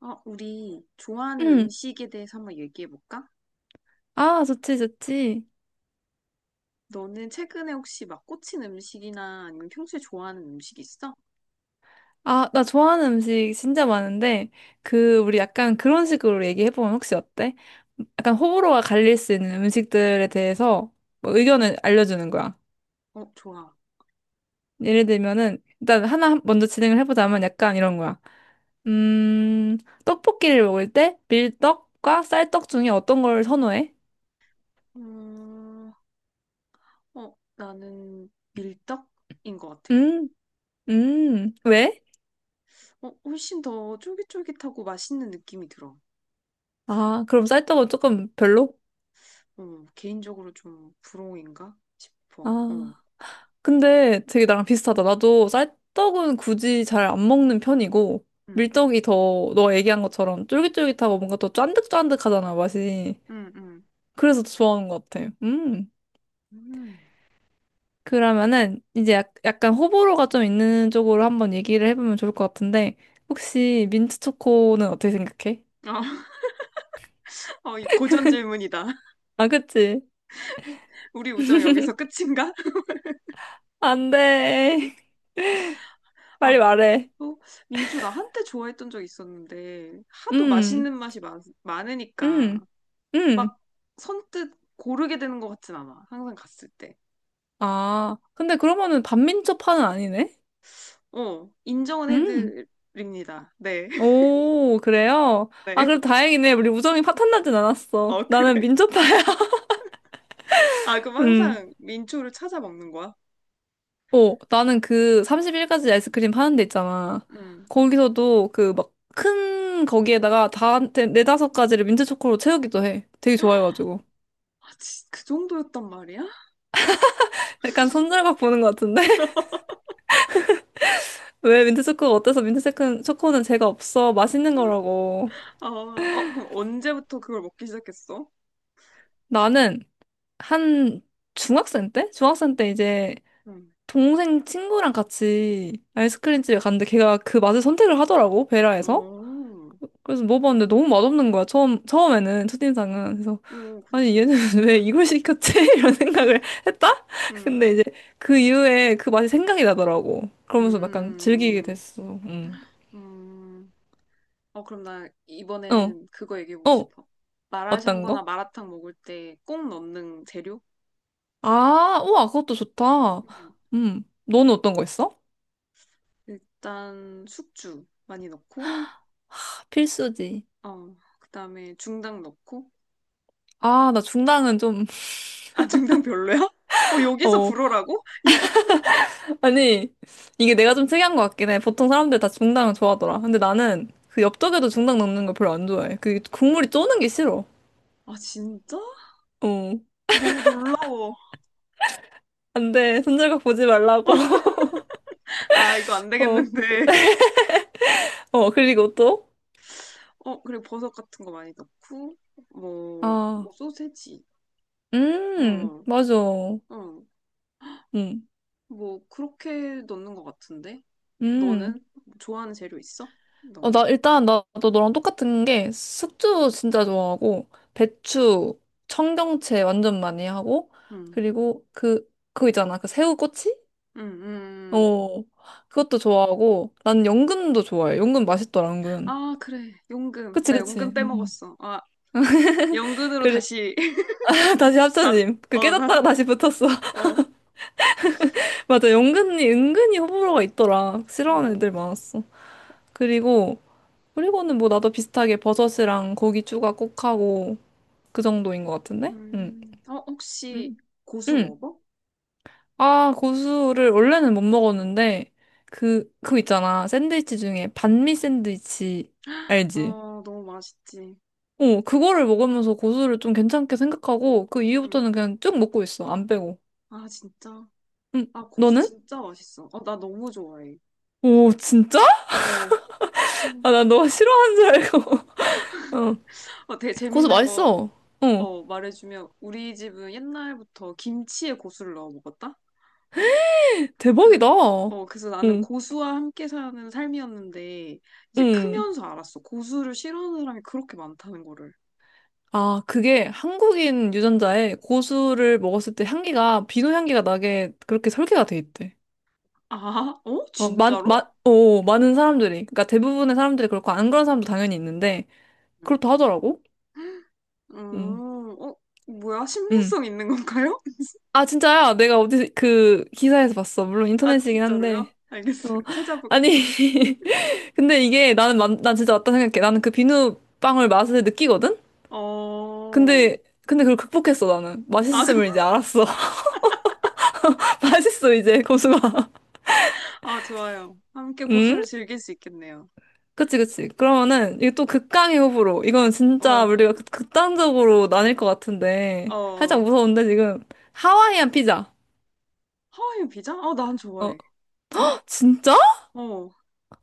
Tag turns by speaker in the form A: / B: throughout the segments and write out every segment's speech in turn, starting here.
A: 우리 좋아하는
B: 응.
A: 음식에 대해서 한번 얘기해 볼까?
B: 아, 좋지, 좋지.
A: 너는 최근에 혹시 막 꽂힌 음식이나 아니면 평소에 좋아하는 음식 있어?
B: 아, 나 좋아하는 음식 진짜 많은데, 그, 우리 약간 그런 식으로 얘기해보면 혹시 어때? 약간 호불호가 갈릴 수 있는 음식들에 대해서 뭐 의견을 알려주는 거야.
A: 어, 좋아.
B: 예를 들면은, 일단 하나 먼저 진행을 해보자면 약간 이런 거야. 음, 떡볶이를 먹을 때 밀떡과 쌀떡 중에 어떤 걸 선호해?
A: 음, 나는 밀떡인 것 같아.
B: 음, 왜?
A: 훨씬 더 쫄깃쫄깃하고 맛있는 느낌이 들어.
B: 아, 그럼 쌀떡은 조금 별로?
A: 개인적으로 좀 부러움인가 싶어.
B: 아. 근데 되게 나랑 비슷하다. 나도 쌀떡은 굳이 잘 안 먹는 편이고,
A: 음,
B: 밀떡이 더, 너 얘기한 것처럼 쫄깃쫄깃하고 뭔가 더 쫀득쫀득하잖아, 맛이.
A: 음, 음.
B: 그래서 더 좋아하는 것 같아. 음.
A: 음.
B: 그러면은, 이제 약간 호불호가 좀 있는 쪽으로 한번 얘기를 해보면 좋을 것 같은데, 혹시 민트 초코는 어떻게 생각해?
A: 어, 이 고전 질문이다.
B: 아, 그치?
A: 우리 우정 여기서 끝인가?
B: 안 돼.
A: 아,
B: 빨리
A: 민초?
B: 말해.
A: 민초, 나 한때 좋아했던 적 있었는데, 하도
B: 음,
A: 맛있는 맛이 많으니까,
B: 음, 음.
A: 막 선뜻 고르게 되는 것 같진 않아. 항상 갔을 때.
B: 아, 근데 그러면은 반민초파는 아니네?
A: 인정은
B: 음.
A: 해드립니다. 네,
B: 오, 그래요? 아,
A: 네.
B: 그래도 다행이네. 우리 우정이 파탄나진 않았어.
A: 어,
B: 나는
A: 그래.
B: 민초파야.
A: 아, 그럼
B: 음.
A: 항상 민초를 찾아 먹는 거야?
B: 나는 그 31가지 아이스크림 파는 데 있잖아.
A: 음.
B: 거기서도 그 막 큰 거기에다가 다, 네다섯 가지를 민트초코로 채우기도 해. 되게 좋아해가지고.
A: 아, 그 정도였단 말이야?
B: 약간 손절각 보는 것 같은데? 왜 민트초코가 어때서 민트초코는 제가 없어. 맛있는 거라고.
A: 그럼 언제부터 그걸 먹기 시작했어?
B: 나는 한 중학생 때? 중학생 때 이제
A: 음.
B: 동생 친구랑 같이 아이스크림 집에 갔는데 걔가 그 맛을 선택을 하더라고, 베라에서.
A: 오,
B: 그래서 먹어봤는데 너무 맛없는 거야, 처음에는, 첫인상은. 그래서,
A: 오,
B: 아니,
A: 그치.
B: 얘는 왜 이걸 시켰지? 이런 생각을 했다?
A: 음,
B: 근데 이제 그 이후에 그 맛이 생각이 나더라고. 그러면서 약간 즐기게
A: 음,
B: 됐어. 음.
A: 음. 그럼 나
B: 어,
A: 이번에는 그거 얘기해보고
B: 어,
A: 싶어.
B: 어떤
A: 마라샹궈나
B: 거?
A: 마라탕 먹을 때 꼭 넣는 재료?
B: 아, 우와, 그것도 좋다.
A: 음,
B: 너는 어떤 거 있어?
A: 일단 숙주 많이 넣고,
B: 필수지.
A: 그다음에 중당 넣고.
B: 아, 나 중당은 좀,
A: 아, 중당 별로야? 어, 여기서
B: 어.
A: 불어라고? 이-
B: 아니, 이게 내가 좀 특이한 것 같긴 해. 보통 사람들 다 중당을 좋아하더라. 근데 나는 그 엽떡에도 중당 넣는 걸 별로 안 좋아해. 그 국물이 쪼는 게 싫어.
A: 아, 진짜?
B: 어.
A: 너무 놀라워.
B: 안 돼. 손절각 보지 말라고.
A: 아, 이거 안
B: 어.
A: 되겠는데.
B: 그리고 또?
A: 그리고 버섯 같은 거 많이 넣고,
B: 아,
A: 뭐 소세지. 어,
B: 맞아.
A: 어.
B: 음,
A: 뭐, 그렇게 넣는 것 같은데?
B: 음.
A: 너는 좋아하는 재료 있어? 넣는
B: 나 일단 나도 너랑 똑같은 게 숙주 진짜 좋아하고, 배추, 청경채 완전 많이 하고,
A: 음,
B: 그리고 그, 그거 있잖아. 그 새우꼬치?
A: 음, 음.
B: 어, 그것도 좋아하고, 난 연근도 좋아해. 연근 맛있더라, 연근.
A: 아, 그래. 연금.
B: 그치,
A: 나
B: 그치.
A: 연금
B: 음.
A: 빼먹었어. 아, 연금으로
B: 그래,
A: 다시.
B: 다시
A: 난,
B: 합쳐짐. 그
A: 어,
B: 깨졌다가
A: 난,
B: 다시 붙었어.
A: 어,
B: 맞아, 연근이, 은근히 호불호가 있더라. 싫어하는
A: 어.
B: 애들 많았어. 그리고, 그리고는 뭐 나도 비슷하게 버섯이랑 고기 추가 꼭 하고, 그 정도인 것 같은데? 응.
A: 어, 혹시
B: 응.
A: 고수
B: 응.
A: 먹어?
B: 아, 고수를 원래는 못 먹었는데, 그거 있잖아. 샌드위치 중에 반미 샌드위치, 알지?
A: 아, 너무 맛있지.
B: 그거를 먹으면서 고수를 좀 괜찮게 생각하고 그
A: 음.
B: 이후부터는 그냥 쭉 먹고 있어. 안 빼고.
A: 아, 진짜.
B: 응,
A: 아, 고수
B: 너는?
A: 진짜 맛있어. 나 너무 좋아해.
B: 오, 진짜?
A: 어, 음.
B: 아, 나 너 싫어하는 줄 알고. 어.
A: 되게
B: 고수
A: 재밌는 거,
B: 맛있어. 어.
A: 말해주면 우리 집은 옛날부터 김치에 고수를 넣어 먹었다? 그래,
B: 대박이다.
A: 그래서 나는
B: 응,
A: 고수와 함께 사는 삶이었는데, 이제
B: 응.
A: 크면서 알았어. 고수를 싫어하는 사람이 그렇게 많다는 거를.
B: 아, 그게 한국인 유전자에 고수를 먹었을 때 향기가, 비누 향기가 나게 그렇게 설계가 돼 있대.
A: 아, 어?
B: 어,
A: 진짜로?
B: 많은 사람들이. 그러니까 대부분의 사람들이 그렇고 안 그런 사람도 당연히 있는데, 그렇다 하더라고. 응,
A: 음, 어, 뭐야?
B: 응.
A: 신빙성 있는 건가요?
B: 아, 진짜야. 내가 어디, 그, 기사에서 봤어. 물론
A: 아,
B: 인터넷이긴
A: 진짜로요?
B: 한데. 어,
A: 알겠어요.
B: 아니.
A: 찾아볼게요.
B: 근데 이게 나는, 난 진짜 맞다 생각해. 나는 그 비누빵을 맛을 느끼거든?
A: 어,
B: 근데, 근데 그걸 극복했어, 나는.
A: 아, 그럼,
B: 맛있음을 이제 알았어. 맛있어, 이제, 고수가.
A: 아, 좋아요. 함께
B: 응?
A: 고수를 즐길 수 있겠네요.
B: 그치, 그치.
A: 어,
B: 그러면은, 이게 또 극강의 호불호. 이건 진짜
A: 어,
B: 우리가 극단적으로 나뉠 것 같은데. 살짝
A: 어.
B: 무서운데, 지금. 하와이안 피자.
A: 하와이안 피자? 아, 난
B: 어,
A: 좋아해.
B: 진짜?
A: 어,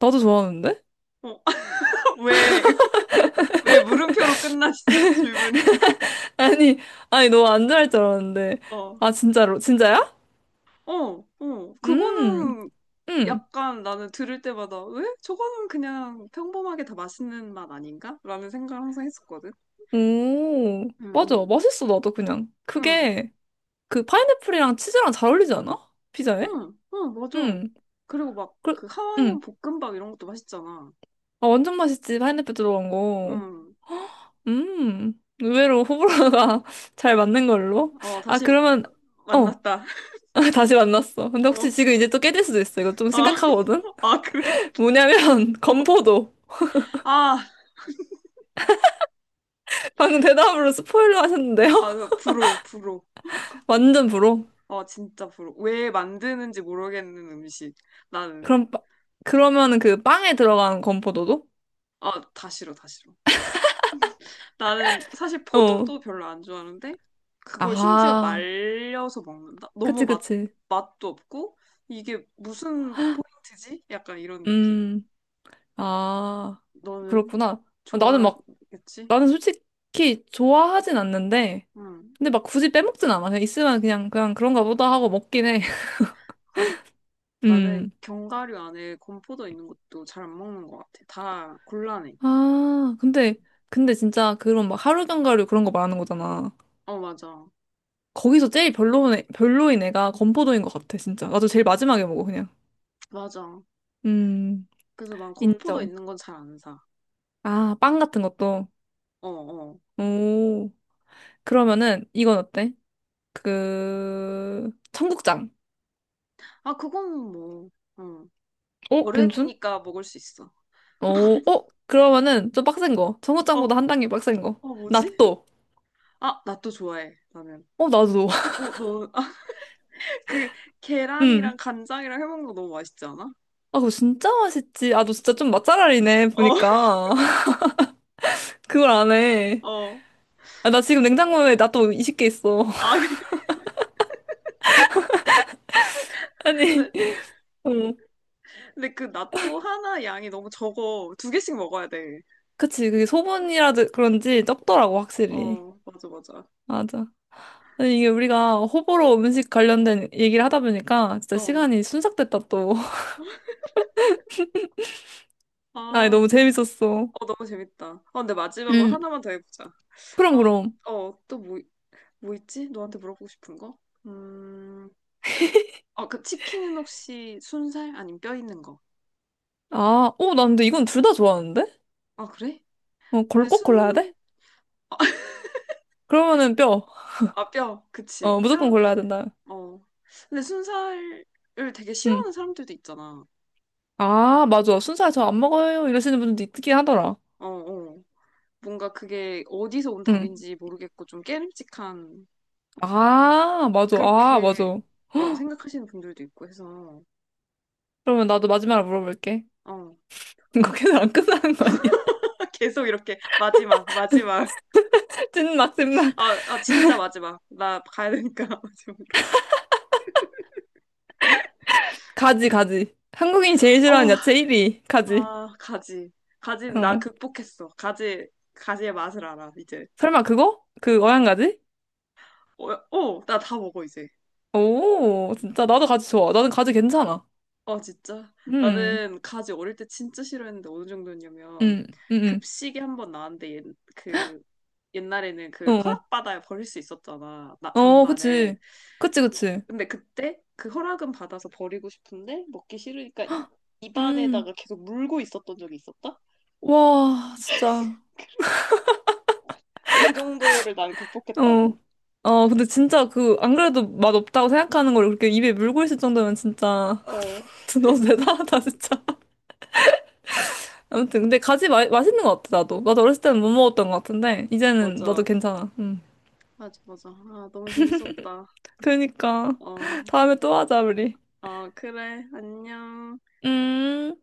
B: 나도 좋아하는데?
A: 어, 왜, 왜 물음표로 끝나시죠, 질문이?
B: 아니, 아니, 너 안 좋아할 줄 알았는데.
A: 어.
B: 아, 진짜로, 진짜야?
A: 어, 어.
B: 음,
A: 그거는
B: 음,
A: 약간 나는 들을 때마다 왜? 저거는 그냥 평범하게 다 맛있는 맛 아닌가? 라는 생각을 항상 했었거든.
B: 오,
A: 응,
B: 맞아.
A: 응,
B: 맛있어, 나도 그냥.
A: 응,
B: 그게, 그 파인애플이랑 치즈랑 잘 어울리지 않아? 피자에?
A: 응, 맞아.
B: 음,
A: 그리고 막
B: 그,
A: 그 하와이안
B: 음.
A: 볶음밥 이런 것도 맛있잖아.
B: 아, 완전 맛있지, 파인애플 들어간 거.
A: 응.
B: 의외로 호불호가 잘 맞는 걸로.
A: 어,
B: 아,
A: 다시
B: 그러면, 어,
A: 만났다.
B: 다시 만났어. 근데 혹시
A: 어,
B: 지금 이제 또 깨질 수도 있어. 이거 좀
A: 아,
B: 심각하거든?
A: 아, 그래?
B: 뭐냐면,
A: 어.
B: 건포도.
A: 아,
B: 방금 대답으로 스포일러 하셨는데요?
A: 아, 부러워, 부러워.
B: 완전 불호.
A: 진짜 부러워. 왜 만드는지 모르겠는 음식. 나는.
B: 그럼, 빠- 그러면은 그 빵에 들어간 건포도도?
A: 아, 다 싫어, 다 싫어. 나는 사실
B: 어.
A: 포도도 별로 안 좋아하는데 그걸 심지어
B: 아,
A: 말려서 먹는다?
B: 그치, 그치.
A: 맛도 없고 이게 무슨 포인트지? 약간 이런 느낌.
B: 음, 아,
A: 너는
B: 그렇구나. 아, 나는 막,
A: 좋아하겠지?
B: 나는 솔직히 좋아하진 않는데,
A: 응.
B: 근데 막 굳이 빼먹진 않아. 그냥 있으면 그냥 그런가 보다 하고 먹긴 해.
A: 나는
B: 음.
A: 견과류 안에 건포도 있는 것도 잘 안 먹는 것 같아. 다 곤란해.
B: 아, 근데 진짜 그런 막 하루 견과류 그런 거 말하는 거잖아.
A: 어, 맞아.
B: 거기서 제일 별로인, 별로인 애가 건포도인 것 같아, 진짜. 나도 제일 마지막에 먹어, 그냥.
A: 맞아.
B: 음,
A: 그래서 난 건포도
B: 인정.
A: 있는 건 잘 안 사.
B: 아, 빵 같은 것도.
A: 어, 어.
B: 오, 그러면은 이건 어때? 그 청국장.
A: 아, 그건 뭐, 응.
B: 어, 괜춘?
A: 어른이니까 먹을 수 있어.
B: 어, 어, 그러면은 좀 빡센 거.
A: 어,
B: 청국장보다 한 단계 빡센
A: 어, 뭐지?
B: 거.納豆.
A: 아, 나 또 좋아해, 나는.
B: 어, 나도.
A: 어, 너, 아, 그, 계란이랑
B: 음.
A: 간장이랑 해먹는 거 너무 맛있지 않아?
B: 아, 그거 진짜 맛있지. 아, 너 진짜 좀 맛잘알이네,
A: 어,
B: 보니까. 그걸 안 해.
A: 어.
B: 아, 나 지금 냉장고에 나또 20개 있어.
A: 아,
B: 아니,
A: 근데,
B: 어.
A: 근데 그 낫또 하나 양이 너무 적어. 두 개씩 먹어야 돼.
B: 그치, 그게 소분이라든 그런지 적더라고, 확실히.
A: 어, 맞아, 맞아.
B: 맞아. 아니, 이게 우리가 호불호 음식 관련된 얘기를 하다 보니까 진짜
A: 어.
B: 시간이 순삭됐다, 또. 아이,
A: 아,
B: 너무 재밌었어.
A: 어, 너무 재밌다. 근데 마지막으로
B: 응,
A: 하나만 더 해보자.
B: 그럼,
A: 아,
B: 그럼.
A: 어, 또 뭐, 뭐 있지? 너한테 물어보고 싶은 거? 음, 어, 그 치킨은 혹시 순살? 아니면 뼈 있는 거?
B: 아, 오, 나 근데 이건 둘 다 좋아하는데?
A: 아, 그래? 근데
B: 골 꼭 골라야
A: 순,
B: 돼? 그러면은 뼈.
A: 아, 뼈, 그치.
B: 무조건
A: 뼈,
B: 골라야 된다.
A: 어. 근데 순살을 되게
B: 응.
A: 싫어하는 사람들도 있잖아.
B: 아, 맞아. 순살 저 안 먹어요. 이러시는 분도 있긴 하더라.
A: 어, 어. 뭔가 그게 어디서 온
B: 응.
A: 닭인지 모르겠고 좀 깨름직한
B: 아, 맞아. 아,
A: 그렇게
B: 맞아.
A: 생각하시는 분들도 있고 해서
B: 그러면 나도 마지막으로 물어볼게.
A: 어.
B: 이거 계속 안 끝나는 거 아니야?
A: 계속 이렇게 마지막 마지막
B: 찐막, 찐막.
A: 아 진짜 마지막 나 가야 되니까 마지막으로
B: 가지, 가지. 한국인이 제일 싫어하는
A: 어,
B: 야채 1위. 가지.
A: 아 가지 가지는 나
B: 응.
A: 극복했어 가지 가지의 맛을 알아 이제
B: 설마 그거? 그 어양가지?
A: 어, 어, 나 다 먹어 이제
B: 오, 진짜. 나도 가지 좋아. 나는 가지 괜찮아.
A: 어, 진짜?
B: 음.
A: 나는 가지 어릴 때 진짜 싫어했는데 어느 정도였냐면
B: 응, 응,
A: 급식이 한 번 나왔는데 옛, 그 옛날에는 그
B: 응. 어,
A: 허락받아야 버릴 수 있었잖아. 나
B: 어, 어,
A: 잔반을.
B: 그치. 그치, 그치.
A: 근데 그때 그 허락은 받아서 버리고 싶은데 먹기 싫으니까 입안에다가
B: 음,
A: 계속 물고 있었던 적이 있었다?
B: 와, 진짜.
A: 근데 그 정도를 난
B: 어,
A: 극복했다고.
B: 어, 근데 진짜 그, 안 그래도 맛없다고 생각하는 걸 그렇게 입에 물고 있을 정도면 진짜,
A: 어,
B: 너무 대단하다, 진짜. 아무튼, 근데 가지 맛있는 것 같아, 나도. 나도 어렸을 때는 못 먹었던 것 같은데, 이제는 나도
A: 맞아.
B: 괜찮아. 음.
A: 맞아, 맞아. 아, 너무 재밌었다.
B: 그니까.
A: 어,
B: 다음에 또 하자, 우리.
A: 아, 그래. 안녕.
B: 음.